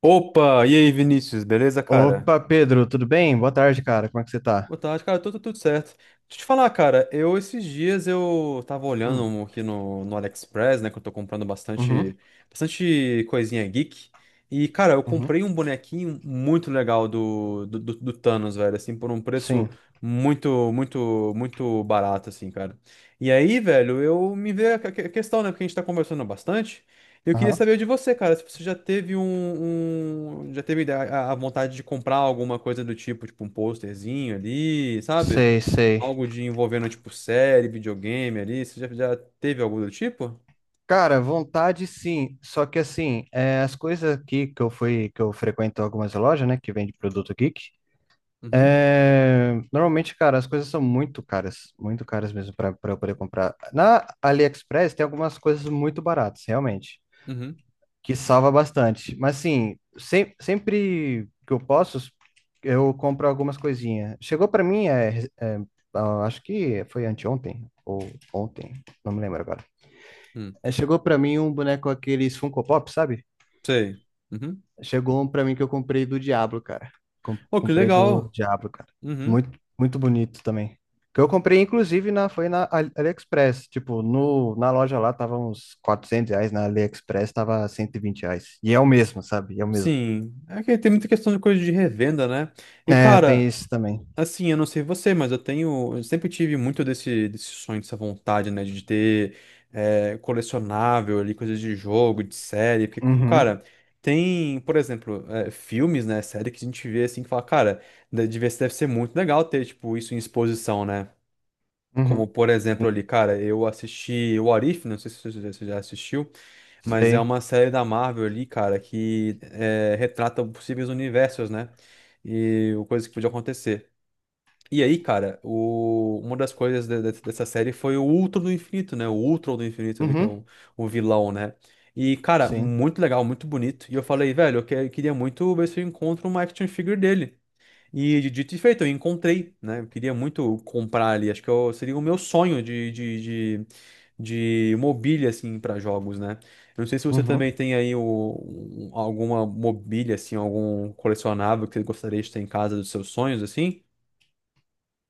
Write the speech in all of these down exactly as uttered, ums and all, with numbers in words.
Opa, e aí, Vinícius, beleza, cara? Opa, Pedro, tudo bem? Boa tarde, cara. Como é que você tá? Boa tarde, cara, tudo, tudo certo. Deixa eu te falar, cara, eu esses dias eu tava olhando Hum, um aqui no, no AliExpress, né, que eu tô comprando uhum, bastante, bastante coisinha geek. E, cara, eu uhum, comprei um bonequinho muito legal do, do, do- do Thanos, velho, assim, por um preço sim, muito, muito, muito barato, assim, cara. E aí, velho, eu me veio a que- que- questão, né, porque a gente tá conversando bastante. Eu queria aham. saber de você, cara, se você já teve um, um- já teve a, a vontade de comprar alguma coisa do tipo, tipo um posterzinho ali, sabe? Sei, sei. Algo de envolvendo tipo série, videogame ali, você já, já teve algo do tipo? Cara, vontade sim, só que assim, é, as coisas aqui que eu fui, que eu frequento algumas lojas, né, que vende produto geek, Uhum, é, normalmente, cara, as coisas são muito caras, muito caras mesmo para eu poder comprar. Na AliExpress tem algumas coisas muito baratas, realmente, uhum, que salva bastante. Mas assim, sem- sempre que eu posso, eu compro algumas coisinhas. Chegou para mim, é, é, ah, acho que foi anteontem ou ontem, não me lembro agora. uhum. É, chegou para mim um boneco aqueles Funko Pop, sabe? Sei. Uhum. Chegou um para mim que eu comprei do Diablo, cara. Com- Oh, que Comprei do legal. Diablo, cara. Uhum. Muito, muito bonito também. Que eu comprei, inclusive, na, foi na Ali- AliExpress. Tipo, no, na loja lá tava uns quatrocentos reais, na AliExpress tava cento e vinte reais. E é o mesmo, sabe? É o mesmo. Sim. É que tem muita questão de coisa de revenda, né? E É, tem cara, isso também. assim, eu não sei você, mas eu tenho, eu sempre tive muito desse, desse sonho, dessa vontade, né, de ter, eh, colecionável ali, coisas de jogo, de série, porque, co- Uhum, cara, tem, por exemplo, eh, filmes, né, série que a gente vê assim, que fala, cara, de- deve ser deve ser muito legal ter, tipo, isso em exposição, né, como, uhum, por sim, exemplo, ali, cara, eu assisti o Arif, não sei se você já você já assistiu, mas é sei. uma série da Marvel ali, cara, que, eh, retrata possíveis universos, né, e coisas que podiam acontecer. E aí, cara, o- uma das coisas de- de- dessa série foi o Ultron do Infinito, né? O Ultron do Infinito ali, que é Uhum, o, o vilão, né? E, cara, sim, muito legal, muito bonito. E eu falei, velho, eu, que- eu queria muito ver se eu encontro uma action figure dele. E de- dito e feito, eu encontrei, né? Eu queria muito comprar ali. Acho que eu- seria o meu sonho de, de, de, de mobília, assim, para jogos, né? Eu não sei se você também uhum. tem aí o- um- alguma mobília, assim, algum colecionável que você gostaria de ter em casa dos seus sonhos, assim.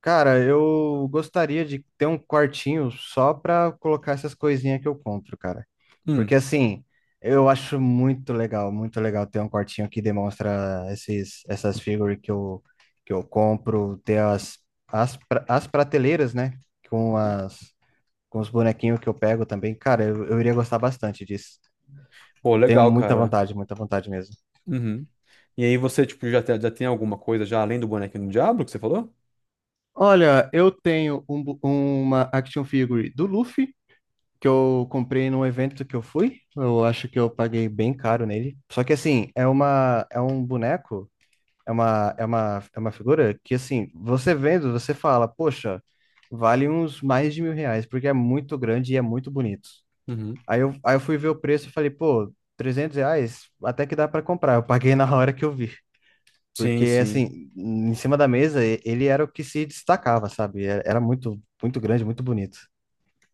Cara, eu gostaria de ter um quartinho só pra colocar essas coisinhas que eu compro, cara. Hum. Porque assim, eu acho muito legal, muito legal ter um quartinho que demonstra esses, essas figuras que eu, que eu compro, ter as, as, pra- as prateleiras, né? Com as, com os bonequinhos que eu pego também. Cara, eu, eu iria gostar bastante disso. Pô, Eu tenho legal, muita cara. vontade, muita vontade mesmo. Uhum. E aí você, tipo, já, te- já tem alguma coisa já além do bonequinho do Diablo que você falou? Olha, eu tenho um bu- uma action figure do Luffy, que eu comprei num evento que eu fui. Eu acho que eu paguei bem caro nele. Só que assim, é uma, é um boneco, é uma, é uma, é uma figura que assim, você vendo, você fala, poxa, vale uns mais de mil reais, porque é muito grande e é muito bonito. Uhum. Aí eu, aí eu fui ver o preço e falei, pô, trezentos reais, até que dá pra comprar. Eu paguei na hora que eu vi. Sim, Porque, sim. assim, em cima da mesa, e- ele era o que se destacava, sabe? Era era muito, muito grande, muito bonito.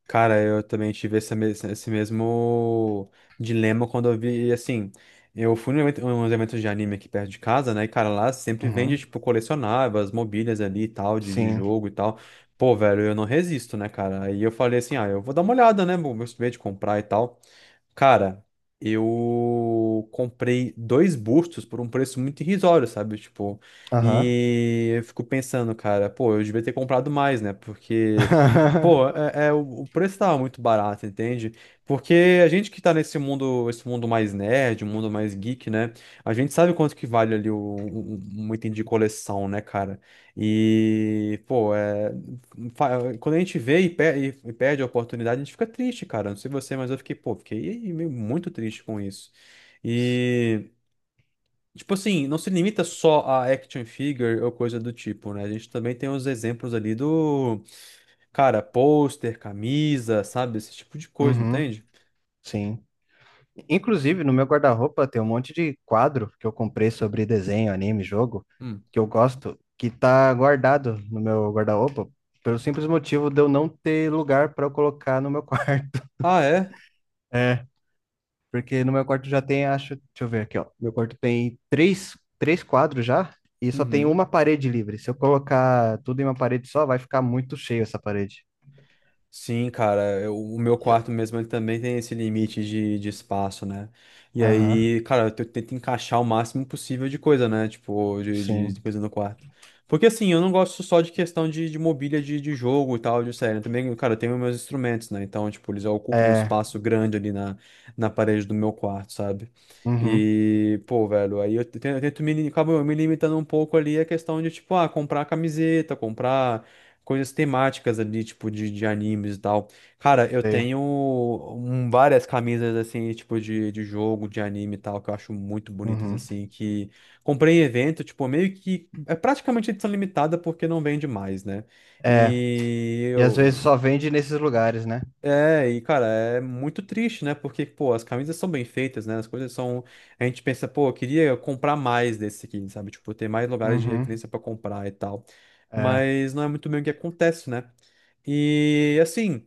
Cara, eu também tive essa mes- esse mesmo dilema quando eu vi, assim, eu fui num evento, uns eventos de anime aqui perto de casa, né? E, cara, lá sempre vende, Uhum. tipo, colecionáveis, mobílias ali e tal, de, de Sim. jogo e tal. Pô, velho, eu não resisto, né, cara? Aí eu falei assim, ah, eu vou dar uma olhada, né? Vou ver de comprar e tal. Cara, eu comprei dois bustos por um preço muito irrisório, sabe? Tipo, Aham. e eu fico pensando, cara, pô, eu devia ter comprado mais, né? Porque, pô, é, é- o o preço tava muito barato, entende? Porque a gente que tá nesse mundo, esse mundo mais nerd, um mundo mais geek, né? A gente sabe quanto que vale ali o- um, um um item de coleção, né, cara? E, pô, é fa- quando a gente vê e pe- e- e perde a oportunidade, a gente fica triste, cara. Não sei você, mas eu fiquei, pô, fiquei meio muito triste com isso. E, tipo assim, não se limita só a action figure ou coisa do tipo, né? A gente também tem os exemplos ali do, cara, pôster, camisa, sabe? Esse tipo de coisa, Uhum. entende? Sim. Inclusive, no meu guarda-roupa tem um monte de quadro que eu comprei sobre desenho, anime, jogo, Hum. que eu gosto, que tá guardado no meu guarda-roupa, pelo simples motivo de eu não ter lugar para eu colocar no meu quarto. Ah, é? Porque no meu quarto já tem, acho, deixa eu ver aqui, ó. Meu quarto tem três, três quadros já e só tem Uhum. uma parede livre. Se eu colocar tudo em uma parede só, vai ficar muito cheio essa parede. Sim, cara, eu- o meu Yeah. quarto mesmo ele também tem esse limite de, de espaço, né? E Aham, aí, cara, eu te- tento encaixar o máximo possível de coisa, né? Tipo, de, de- sim. de coisa no quarto. Porque assim, eu não gosto só de questão de, de mobília de, de jogo e tal, de série. Eu também, cara, eu tenho meus instrumentos, né? Então, tipo, eles ocupam um É, espaço grande ali na, na parede do meu quarto, sabe? uhum, E, pô, velho, aí eu tento, eu tento me, acabo me limitando um pouco ali a questão de, tipo, ah, comprar camiseta, comprar coisas temáticas ali, tipo, de, de animes e tal. Cara, eu sei. tenho, hum, várias camisas, assim, tipo, de, de jogo, de anime e tal, que eu acho muito bonitas, Uhum. assim, que comprei em evento, tipo, meio que é praticamente edição limitada porque não vende mais, né? É, E e às vezes eu, só vende nesses lugares, né? é, e cara, é muito triste, né? Porque, pô, as camisas são bem feitas, né? As coisas são. A gente pensa, pô, eu queria comprar mais desse aqui, sabe? Tipo, ter mais lugares de Uhum, referência pra comprar e tal. é. Mas não é muito bem o que acontece, né? E, assim,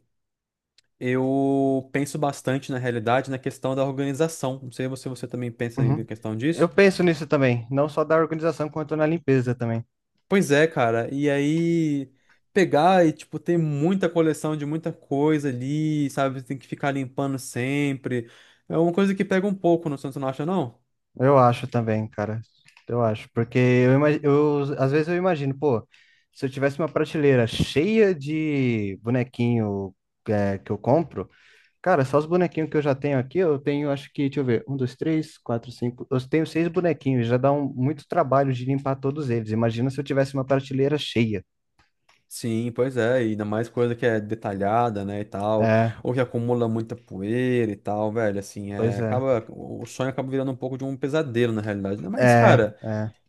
eu penso bastante na realidade na questão da organização. Não sei se você também pensa em Uhum. questão Eu disso. penso nisso também, não só da organização, quanto na limpeza também. Pois é, cara. E aí pegar e tipo ter muita coleção de muita coisa ali, sabe? Tem que ficar limpando sempre. É uma coisa que pega um pouco, não, você não acha, não? Eu acho também, cara. Eu acho, porque eu, ima- eu às vezes eu imagino, pô, se eu tivesse uma prateleira cheia de bonequinho é, que eu compro, cara, só os bonequinhos que eu já tenho aqui, eu tenho, acho que, deixa eu ver, um, dois, três, quatro, cinco, eu tenho seis bonequinhos, já dá um, muito trabalho de limpar todos eles. Imagina se eu tivesse uma prateleira cheia. Sim, pois é, e ainda mais coisa que é detalhada, né, e tal, É, ou que acumula muita poeira e tal, velho, assim, é, pois é. acaba, o sonho acaba virando um pouco de um pesadelo, na realidade, né, mas, É, cara,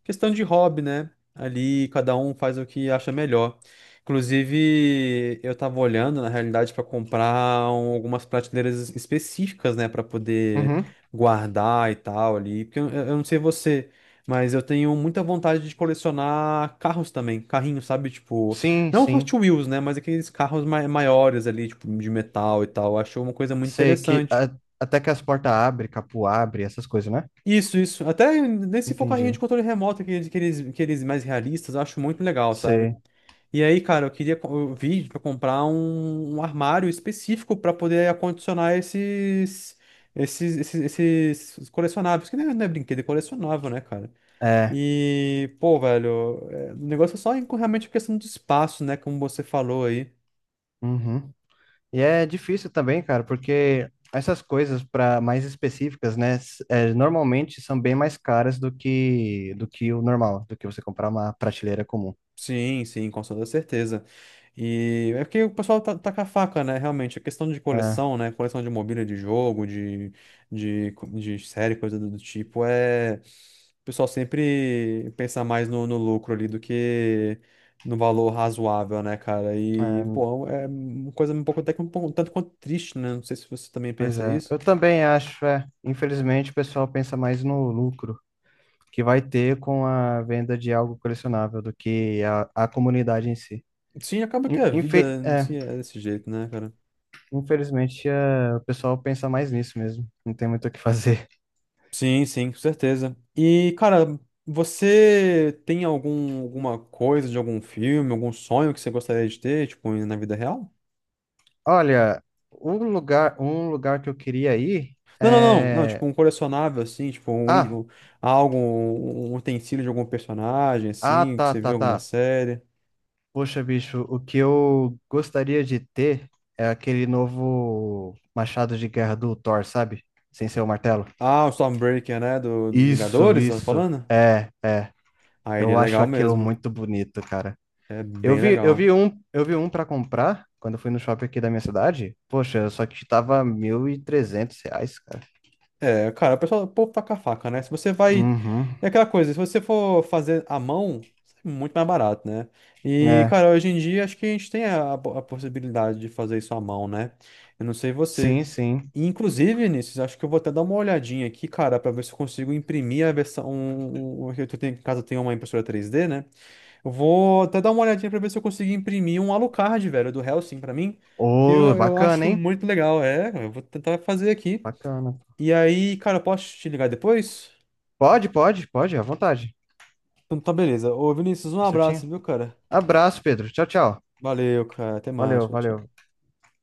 questão de hobby, né? Ali cada um faz o que acha melhor. Inclusive, eu tava olhando, na realidade, para comprar um- algumas prateleiras específicas, né, para poder uhum. guardar e tal ali, porque eu, eu não sei você, mas eu tenho muita vontade de colecionar carros também, carrinhos, sabe? Tipo, Sim, não Hot sim. Wheels, né, mas aqueles carros mai- maiores ali, tipo, de metal e tal. Eu acho uma coisa muito Sei que interessante. a- até que as portas abrem, capô abre, essas coisas, né? Isso, isso. Até nesse for carrinho Entendi. de controle remoto, aqueles, aqueles, aqueles mais realistas, eu acho muito legal, sabe? Sei. E aí, cara, eu queria co- eu vi pra comprar um, um armário específico pra poder acondicionar esses, esses, esses, esses colecionáveis, que não é, não é brinquedo, é colecionável, né, cara? É. E, pô, velho, é, o negócio é só em- com- realmente questão de espaço, né, como você falou aí. Uhum. E é difícil também, cara, porque essas coisas para mais específicas, né, s- é, normalmente são bem mais caras do que do que o normal, do que você comprar uma prateleira comum. Sim, sim, com toda certeza. E é porque o pessoal tá, tá com a faca, né? Realmente, a questão de É, coleção, né? Coleção de mobília de jogo, de, de, co- de série, coisa do do tipo, é. O pessoal sempre pensa mais no, no lucro ali do que no valor razoável, né, cara? E, é, pô, é um, uma coisa um pouco até que um pouco, tanto quanto triste, né? Não sei se você também pois pensa é. isso. Eu também acho, é. Infelizmente, o pessoal pensa mais no lucro que vai ter com a venda de algo colecionável do que a, a comunidade em si. Sim, acaba que In- a vida infe- em é, si é desse jeito, né, cara? infelizmente, é, o pessoal pensa mais nisso mesmo. Não tem muito o que fazer. Sim, sim, com certeza. E, cara, você tem algum, alguma coisa de algum filme, algum sonho que você gostaria de ter, tipo, na vida real? Olha, um lugar, um lugar que eu queria ir Não, não, não, não, tipo, é. um colecionável, assim, tipo, um, í- Ah, um- algo, um um utensílio de algum personagem, ah, assim, que tá, você viu tá, em alguma tá. série. Poxa, bicho, o que eu gostaria de ter é aquele novo machado de guerra do Thor, sabe? Sem ser o martelo. Ah, o Stormbreaker, né, do, dos Isso, Vingadores, tá isso. falando? É, é. Ah, ele é Eu acho legal aquilo mesmo, muito bonito, cara. é Eu bem vi, eu legal. vi um, eu vi um para comprar quando eu fui no shopping aqui da minha cidade. Poxa, só que tava mil e trezentos reais, cara. É, cara, o pessoal, o povo tá com a faca, né? Se você vai. Uhum. É aquela coisa, se você for fazer à mão, é muito mais barato, né? E, É. cara, hoje em dia acho que a gente tem a, a possibilidade de fazer isso à mão, né? Eu não sei você. Sim, sim. E, inclusive, Vinícius, acho que eu vou até dar uma olhadinha aqui, cara, pra ver se eu consigo imprimir a versão. Um, um, eu tenho, em casa eu tenho uma impressora três D, né? Eu vou até dar uma olhadinha pra ver se eu consigo imprimir um Alucard, velho, do Hellsing pra mim, que Ô, eu, eu bacana, acho hein? muito legal. É, eu vou tentar fazer aqui. Bacana. E aí, cara, eu posso te ligar depois? Pode, pode, pode, à vontade. Então tá, beleza. Ô, Vinícius, um abraço, Certinho. viu, cara? Abraço, Pedro. Tchau, tchau. Valeu, cara. Até mais. Valeu, Tchau, tchau. valeu.